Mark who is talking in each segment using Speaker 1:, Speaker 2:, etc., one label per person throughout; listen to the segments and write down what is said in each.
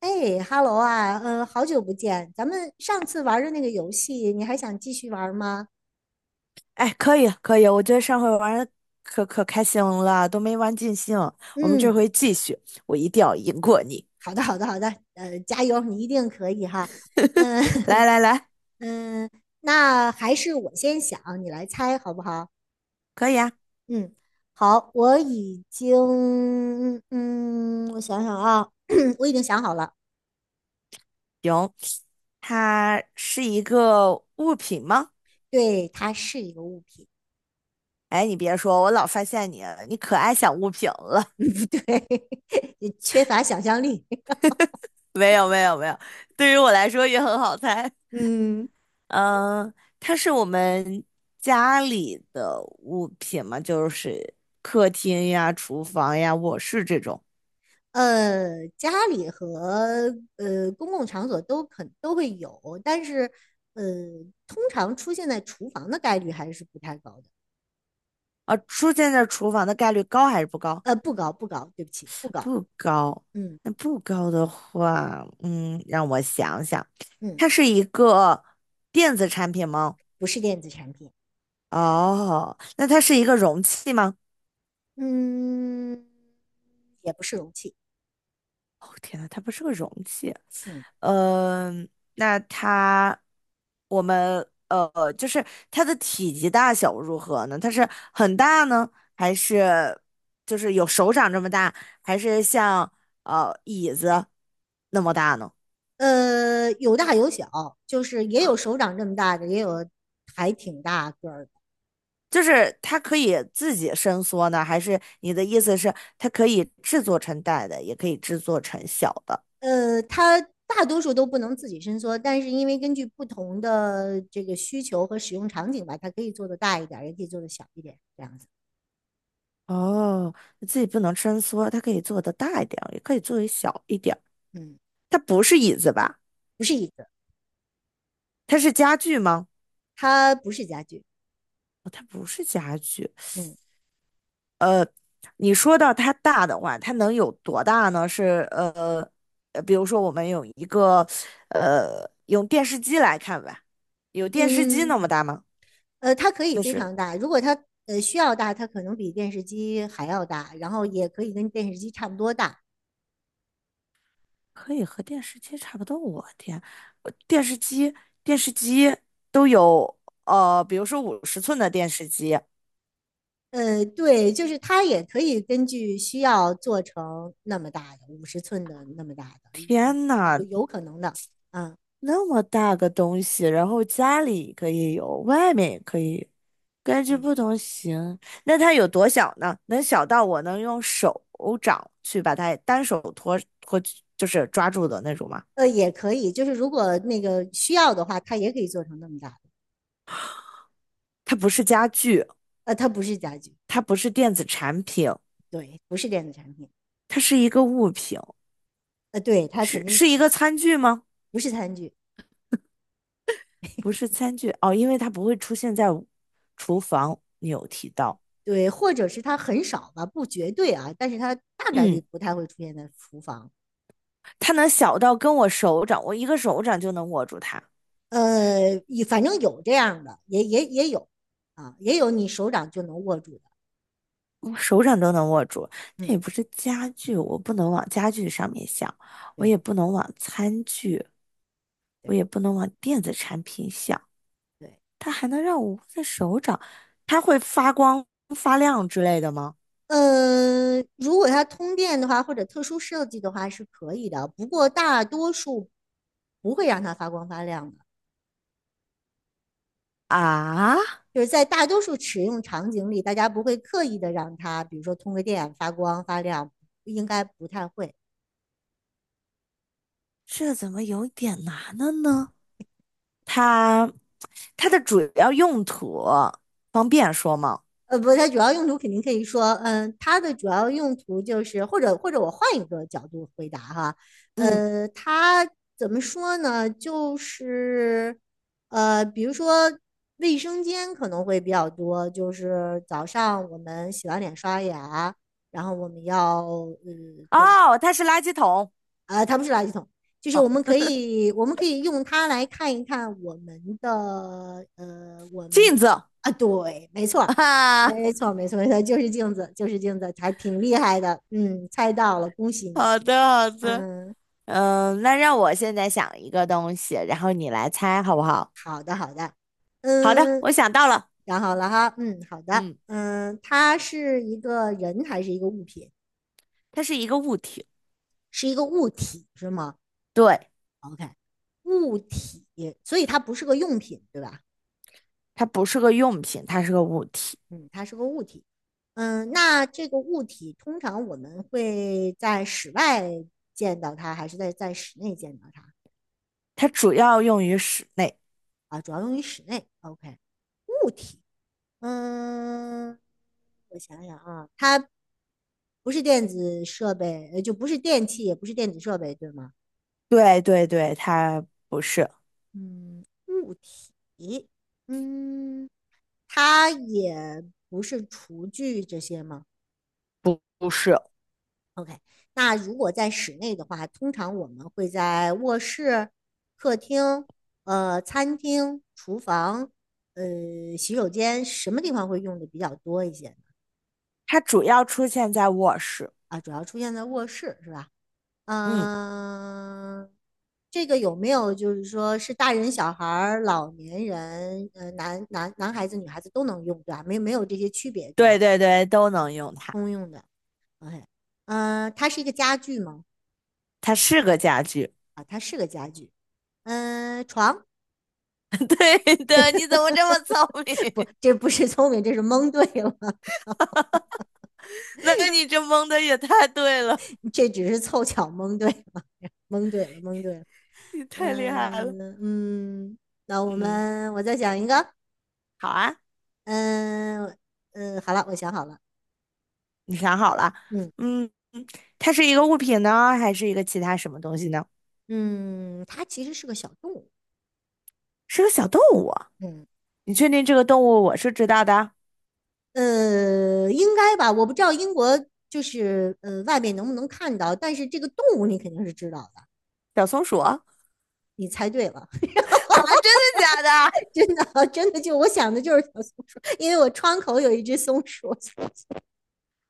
Speaker 1: 哎哈喽啊，好久不见，咱们上次玩的那个游戏，你还想继续玩吗？
Speaker 2: 哎，可以可以，我觉得上回玩的可可开心了，都没玩尽兴。我们
Speaker 1: 嗯，
Speaker 2: 这回继续，我一定要赢过你。
Speaker 1: 好的，好的，好的，加油，你一定可以哈。嗯
Speaker 2: 来 来来，
Speaker 1: 嗯，那还是我先想，你来猜好不好？
Speaker 2: 可以啊，
Speaker 1: 嗯，好，我已经，嗯，我想想啊，我已经想好了，
Speaker 2: 行。它是一个物品吗？
Speaker 1: 对，它是一个物品，
Speaker 2: 哎，你别说，我老发现你，你可爱想物品了。
Speaker 1: 嗯，不对，缺乏想象力，
Speaker 2: 没有没有没有，对于我来说也很好猜。
Speaker 1: 嗯。
Speaker 2: 嗯，它是我们家里的物品嘛，就是客厅呀、厨房呀、卧室这种。
Speaker 1: 呃，家里和公共场所都肯都会有，但是呃，通常出现在厨房的概率还是不太高的。
Speaker 2: 啊，出现在厨房的概率高还是不高？
Speaker 1: 呃，不高不高，对不起，不高。
Speaker 2: 不高。
Speaker 1: 嗯
Speaker 2: 那不高的话，让我想想，
Speaker 1: 嗯，
Speaker 2: 它是一个电子产品吗？
Speaker 1: 不是电子产品，
Speaker 2: 哦，那它是一个容器吗？
Speaker 1: 嗯，也不是容器，
Speaker 2: 哦，天呐，它不是个容器。
Speaker 1: 嗯
Speaker 2: 嗯、那它，我们呃，就是它的体积大小如何呢？它是很大呢，还是就是有手掌这么大，还是像椅子那么大呢？
Speaker 1: 呃，有大有小，就是也有手掌这么大的，也有还挺大个儿的。
Speaker 2: 就是它可以自己伸缩呢，还是你的意思是它可以制作成大的，也可以制作成小的？
Speaker 1: 呃，它大多数都不能自己伸缩，但是因为根据不同的这个需求和使用场景吧，它可以做的大一点也可以做的小一点，这样子。
Speaker 2: 哦，自己不能伸缩，它可以做的大一点儿，也可以做的小一点儿。
Speaker 1: 嗯，
Speaker 2: 它不是椅子吧？
Speaker 1: 不是椅子，
Speaker 2: 它是家具吗？
Speaker 1: 它不是家具。
Speaker 2: 哦，它不是家具。
Speaker 1: 嗯
Speaker 2: 你说到它大的话，它能有多大呢？比如说我们有一个用电视机来看吧，有电视机
Speaker 1: 嗯，
Speaker 2: 那么大吗？
Speaker 1: 呃，它可以
Speaker 2: 就
Speaker 1: 非
Speaker 2: 是。
Speaker 1: 常大，如果它需要大，它可能比电视机还要大，然后也可以跟电视机差不多大。
Speaker 2: 可以和电视机差不多。我天，我电视机都有比如说50寸的电视机，
Speaker 1: 呃，对，就是它也可以根据需要做成那么大的，50寸的那么大的，
Speaker 2: 天
Speaker 1: 有
Speaker 2: 呐，
Speaker 1: 有可能的。啊
Speaker 2: 那么大个东西，然后家里可以有，外面也可以，根据
Speaker 1: 嗯。
Speaker 2: 不同型。那它有多小呢？能小到我能用手掌去把它单手托托，就是抓住的那种吗？
Speaker 1: 呃，也可以，就是如果那个需要的话，它也可以做成那么大的。
Speaker 2: 它不是家具，
Speaker 1: 呃，它不是家具，
Speaker 2: 它不是电子产品，
Speaker 1: 对，不是电子产品。
Speaker 2: 它是一个物品，
Speaker 1: 呃，对，它肯
Speaker 2: 是
Speaker 1: 定
Speaker 2: 是一个餐具吗？
Speaker 1: 不是餐具，
Speaker 2: 不是餐具哦，因为它不会出现在厨房。你有提到，
Speaker 1: 对，或者是它很少吧，不绝对啊，但是它大概率
Speaker 2: 嗯，
Speaker 1: 不太会出现在厨房。
Speaker 2: 它能小到跟我手掌，我一个手掌就能握住它，
Speaker 1: 呃，反正有这样的，也有啊，也有你手掌就能握住的。
Speaker 2: 我手掌都能握住。它
Speaker 1: 嗯，
Speaker 2: 也不是家具，我不能往家具上面想，我也
Speaker 1: 对
Speaker 2: 不能往餐具，我
Speaker 1: 对
Speaker 2: 也不能往电子产品想。
Speaker 1: 对。
Speaker 2: 它还能让我握在手掌，它会发光发亮之类的吗？
Speaker 1: 呃，如果它通电的话，或者特殊设计的话是可以的，不过大多数不会让它发光发亮的。
Speaker 2: 啊，
Speaker 1: 就是在大多数使用场景里，大家不会刻意的让它，比如说通个电发光发亮，应该不太会。
Speaker 2: 这怎么有点难了呢？它它的主要用途方便说吗？
Speaker 1: 不，它主要用途肯定可以说，嗯，它的主要用途就是，或者我换一个角度回答哈，
Speaker 2: 嗯，
Speaker 1: 呃，它怎么说呢？就是，呃，比如说卫生间可能会比较多，就是早上我们洗完脸刷牙，然后我们要做，
Speaker 2: 哦，它是垃圾桶，
Speaker 1: 它不是垃圾桶，就是
Speaker 2: 哦，
Speaker 1: 我们可以用它来看一看我们的我们
Speaker 2: 镜
Speaker 1: 的
Speaker 2: 子
Speaker 1: 啊，对，没错，
Speaker 2: 啊，
Speaker 1: 没错，没错，没错，就是镜子，就是镜子，还挺厉害的，嗯，猜到了，恭喜你，
Speaker 2: 好的好的，
Speaker 1: 嗯
Speaker 2: 嗯，那让我现在想一个东西，然后你来猜好不好？好的，
Speaker 1: 嗯，
Speaker 2: 我想到了，
Speaker 1: 想好了哈，嗯，好的，
Speaker 2: 嗯，
Speaker 1: 嗯，它是一个人还是一个物品？
Speaker 2: 它是一个物体，
Speaker 1: 是一个物体是吗
Speaker 2: 对，
Speaker 1: ？OK，物体，所以它不是个用品，对吧？
Speaker 2: 它不是个用品，它是个物体，
Speaker 1: 嗯，它是个物体。嗯，那这个物体通常我们会在室外见到它，还是在室内见到它
Speaker 2: 它主要用于室内，
Speaker 1: 啊？主要用于室内。OK，物体，嗯，我想想啊，它不是电子设备，就不是电器，也不是电子设备，对吗？
Speaker 2: 对对对，它不是
Speaker 1: 嗯，物体，嗯，它也不是厨具这些吗？
Speaker 2: 不是，
Speaker 1: OK，那如果在室内的话，通常我们会在卧室、客厅、餐厅、厨房、洗手间什么地方会用的比较多一些呢？
Speaker 2: 它主要出现在卧室，
Speaker 1: 啊，主要出现在卧室是吧？
Speaker 2: 嗯，
Speaker 1: 嗯、这个有没有就是说是大人、小孩儿、老年人，呃，男孩子、女孩子都能用，对吧？没没有这些区别，对吧？
Speaker 2: 对对对，都能用它。
Speaker 1: 通用的。OK，嗯、它是一个家具吗？
Speaker 2: 它是个家具。
Speaker 1: 啊，它是个家具。嗯、床。
Speaker 2: 对的，你怎么这么聪明？
Speaker 1: 不，这不是聪明，这是蒙对了，
Speaker 2: 那你这蒙的也太对了，
Speaker 1: 这只是凑巧蒙对了，蒙对了，蒙对了。
Speaker 2: 你太厉害了。
Speaker 1: 嗯嗯，那我
Speaker 2: 嗯，
Speaker 1: 们我再想一个，
Speaker 2: 好啊，
Speaker 1: 嗯嗯，好了，我想好了，
Speaker 2: 你想好了？
Speaker 1: 嗯
Speaker 2: 嗯，它是一个物品呢，还是一个其他什么东西呢？
Speaker 1: 嗯，它其实是个小动物，
Speaker 2: 是个小动物啊
Speaker 1: 嗯
Speaker 2: 你确定这个动物我是知道的？
Speaker 1: 呃，应该吧，我不知道英国就是外面能不能看到，但是这个动物你肯定是知道的，
Speaker 2: 小松鼠？啊，
Speaker 1: 你猜对了，
Speaker 2: 真的假的？
Speaker 1: 真的真的就我想的就是小松鼠，因为我窗口有1只松鼠，所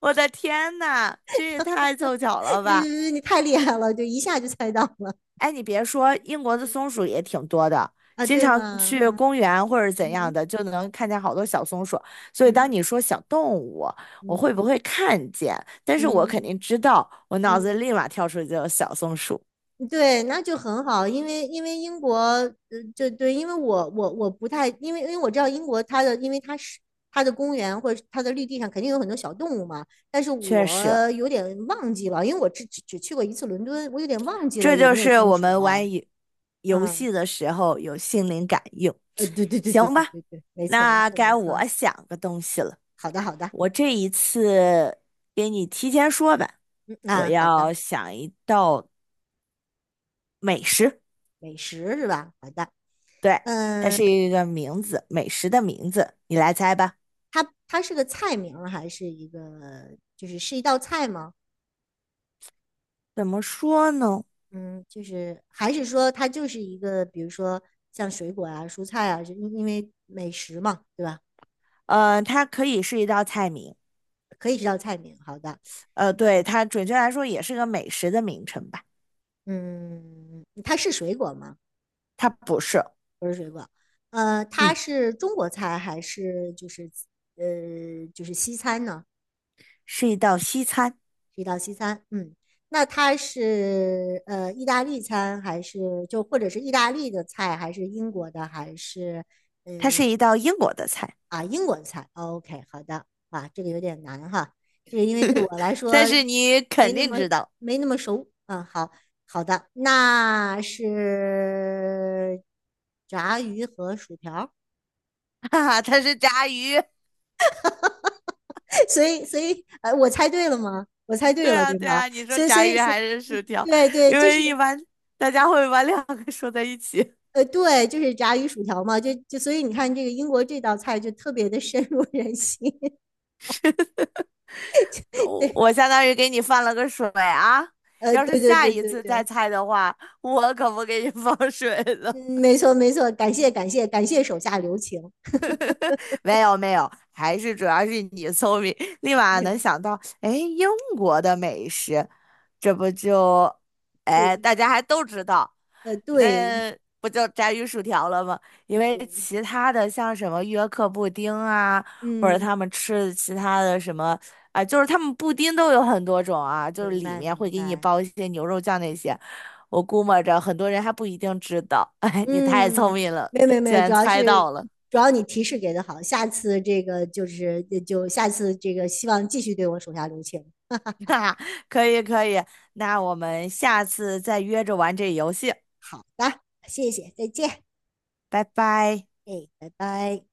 Speaker 2: 我的天呐，这也太凑巧了
Speaker 1: 对对
Speaker 2: 吧！
Speaker 1: 对，你太厉害了，就一下就猜到了
Speaker 2: 哎，你别说，英国的松鼠也挺多的，
Speaker 1: 啊，
Speaker 2: 经
Speaker 1: 对
Speaker 2: 常
Speaker 1: 吗？
Speaker 2: 去公园或者怎样
Speaker 1: 嗯
Speaker 2: 的，就能看见好多小松鼠。所以当
Speaker 1: 嗯
Speaker 2: 你说小动物，我会
Speaker 1: 嗯
Speaker 2: 不会看见？但是我
Speaker 1: 嗯
Speaker 2: 肯定知道，我脑子
Speaker 1: 嗯
Speaker 2: 立马跳出一个小松鼠。
Speaker 1: 嗯对，那就很好，因为英国，呃，就对，因为我不太，因为我知道英国它的，因为它是它的公园或者是它的绿地上肯定有很多小动物嘛，但是
Speaker 2: 确
Speaker 1: 我
Speaker 2: 实，
Speaker 1: 有点忘记了，因为我只去过1次伦敦，我有点忘记了
Speaker 2: 这
Speaker 1: 有
Speaker 2: 就
Speaker 1: 没有
Speaker 2: 是
Speaker 1: 松
Speaker 2: 我
Speaker 1: 鼠
Speaker 2: 们
Speaker 1: 了。
Speaker 2: 玩游游
Speaker 1: 嗯，
Speaker 2: 戏的时候有心灵感应。
Speaker 1: 呃，对对对对
Speaker 2: 行
Speaker 1: 对
Speaker 2: 吧，
Speaker 1: 对对，没错没
Speaker 2: 那
Speaker 1: 错没
Speaker 2: 该
Speaker 1: 错，
Speaker 2: 我想个东西了。
Speaker 1: 好的好的，
Speaker 2: 我这一次给你提前说吧，
Speaker 1: 嗯
Speaker 2: 我
Speaker 1: 啊好的。
Speaker 2: 要想一道美食。
Speaker 1: 美食是吧？好的，
Speaker 2: 对，它
Speaker 1: 嗯，
Speaker 2: 是一个名字，美食的名字，你来猜吧。
Speaker 1: 它它是个菜名儿还是一个就是是一道菜吗？
Speaker 2: 怎么说呢？
Speaker 1: 嗯，就是还是说它就是一个，比如说像水果啊、蔬菜啊，就因为美食嘛，对吧？
Speaker 2: 它可以是一道菜名，
Speaker 1: 可以是道菜名。好的，
Speaker 2: 对，它准确来说也是个美食的名称吧。
Speaker 1: 嗯，它是水果吗？
Speaker 2: 它不是，
Speaker 1: 不是水果。呃，它
Speaker 2: 嗯，
Speaker 1: 是中国菜还是就是就是西餐呢？
Speaker 2: 是一道西餐，
Speaker 1: 是一道西餐，嗯，那它是意大利餐还是就或者是意大利的菜，还是英国的，还是
Speaker 2: 它
Speaker 1: 呃
Speaker 2: 是一道英国的菜，
Speaker 1: 啊英国的菜哦？OK，好的，啊，这个有点难哈，这个因为对 我来说
Speaker 2: 但是你
Speaker 1: 没
Speaker 2: 肯
Speaker 1: 那
Speaker 2: 定
Speaker 1: 么
Speaker 2: 知道，
Speaker 1: 没那么熟，嗯，好的，那是炸鱼和薯条儿
Speaker 2: 哈哈，它是炸鱼。
Speaker 1: 所以我猜对了吗？我猜对
Speaker 2: 对
Speaker 1: 了
Speaker 2: 啊，
Speaker 1: 对
Speaker 2: 对
Speaker 1: 吗？
Speaker 2: 啊，你说
Speaker 1: 所以所
Speaker 2: 炸
Speaker 1: 以
Speaker 2: 鱼
Speaker 1: 所以，
Speaker 2: 还是
Speaker 1: 嗯
Speaker 2: 薯条？
Speaker 1: 对对，
Speaker 2: 因
Speaker 1: 这是。
Speaker 2: 为一般大家会把两个说在一起。
Speaker 1: 呃，对，就是炸鱼薯条嘛，所以你看这个英国这道菜就特别的深入人心，
Speaker 2: 我
Speaker 1: 对，
Speaker 2: 我相当于给你放了个水啊。
Speaker 1: 呃，
Speaker 2: 要是
Speaker 1: 对对
Speaker 2: 下
Speaker 1: 对
Speaker 2: 一
Speaker 1: 对
Speaker 2: 次再
Speaker 1: 对，
Speaker 2: 猜的话，我可不给你放水了。
Speaker 1: 嗯，没错没错，感谢感谢感谢手下留情，
Speaker 2: 没有没有，还是主要是你聪明，立马能 想到，哎，英国的美食，这不就，哎，
Speaker 1: 对，
Speaker 2: 大家还都知道，
Speaker 1: 呃，对
Speaker 2: 那不就炸鱼薯条了吗？因为
Speaker 1: 对，
Speaker 2: 其他的像什么约克布丁啊，或者
Speaker 1: 嗯，
Speaker 2: 他们吃的其他的什么，啊、就是他们布丁都有很多种啊，就是
Speaker 1: 明
Speaker 2: 里
Speaker 1: 白
Speaker 2: 面会
Speaker 1: 明
Speaker 2: 给你
Speaker 1: 白，
Speaker 2: 包一些牛肉酱那些，我估摸着很多人还不一定知道，哎，你太聪
Speaker 1: 嗯，
Speaker 2: 明了，
Speaker 1: 没有没有没
Speaker 2: 竟
Speaker 1: 有，
Speaker 2: 然猜到了。
Speaker 1: 主要你提示给的好，下次这个就下次这个希望继续对我手下留情，
Speaker 2: 可以可以，那我们下次再约着玩这游戏，
Speaker 1: 好的，谢谢，再见，
Speaker 2: 拜拜。
Speaker 1: 哎，拜拜。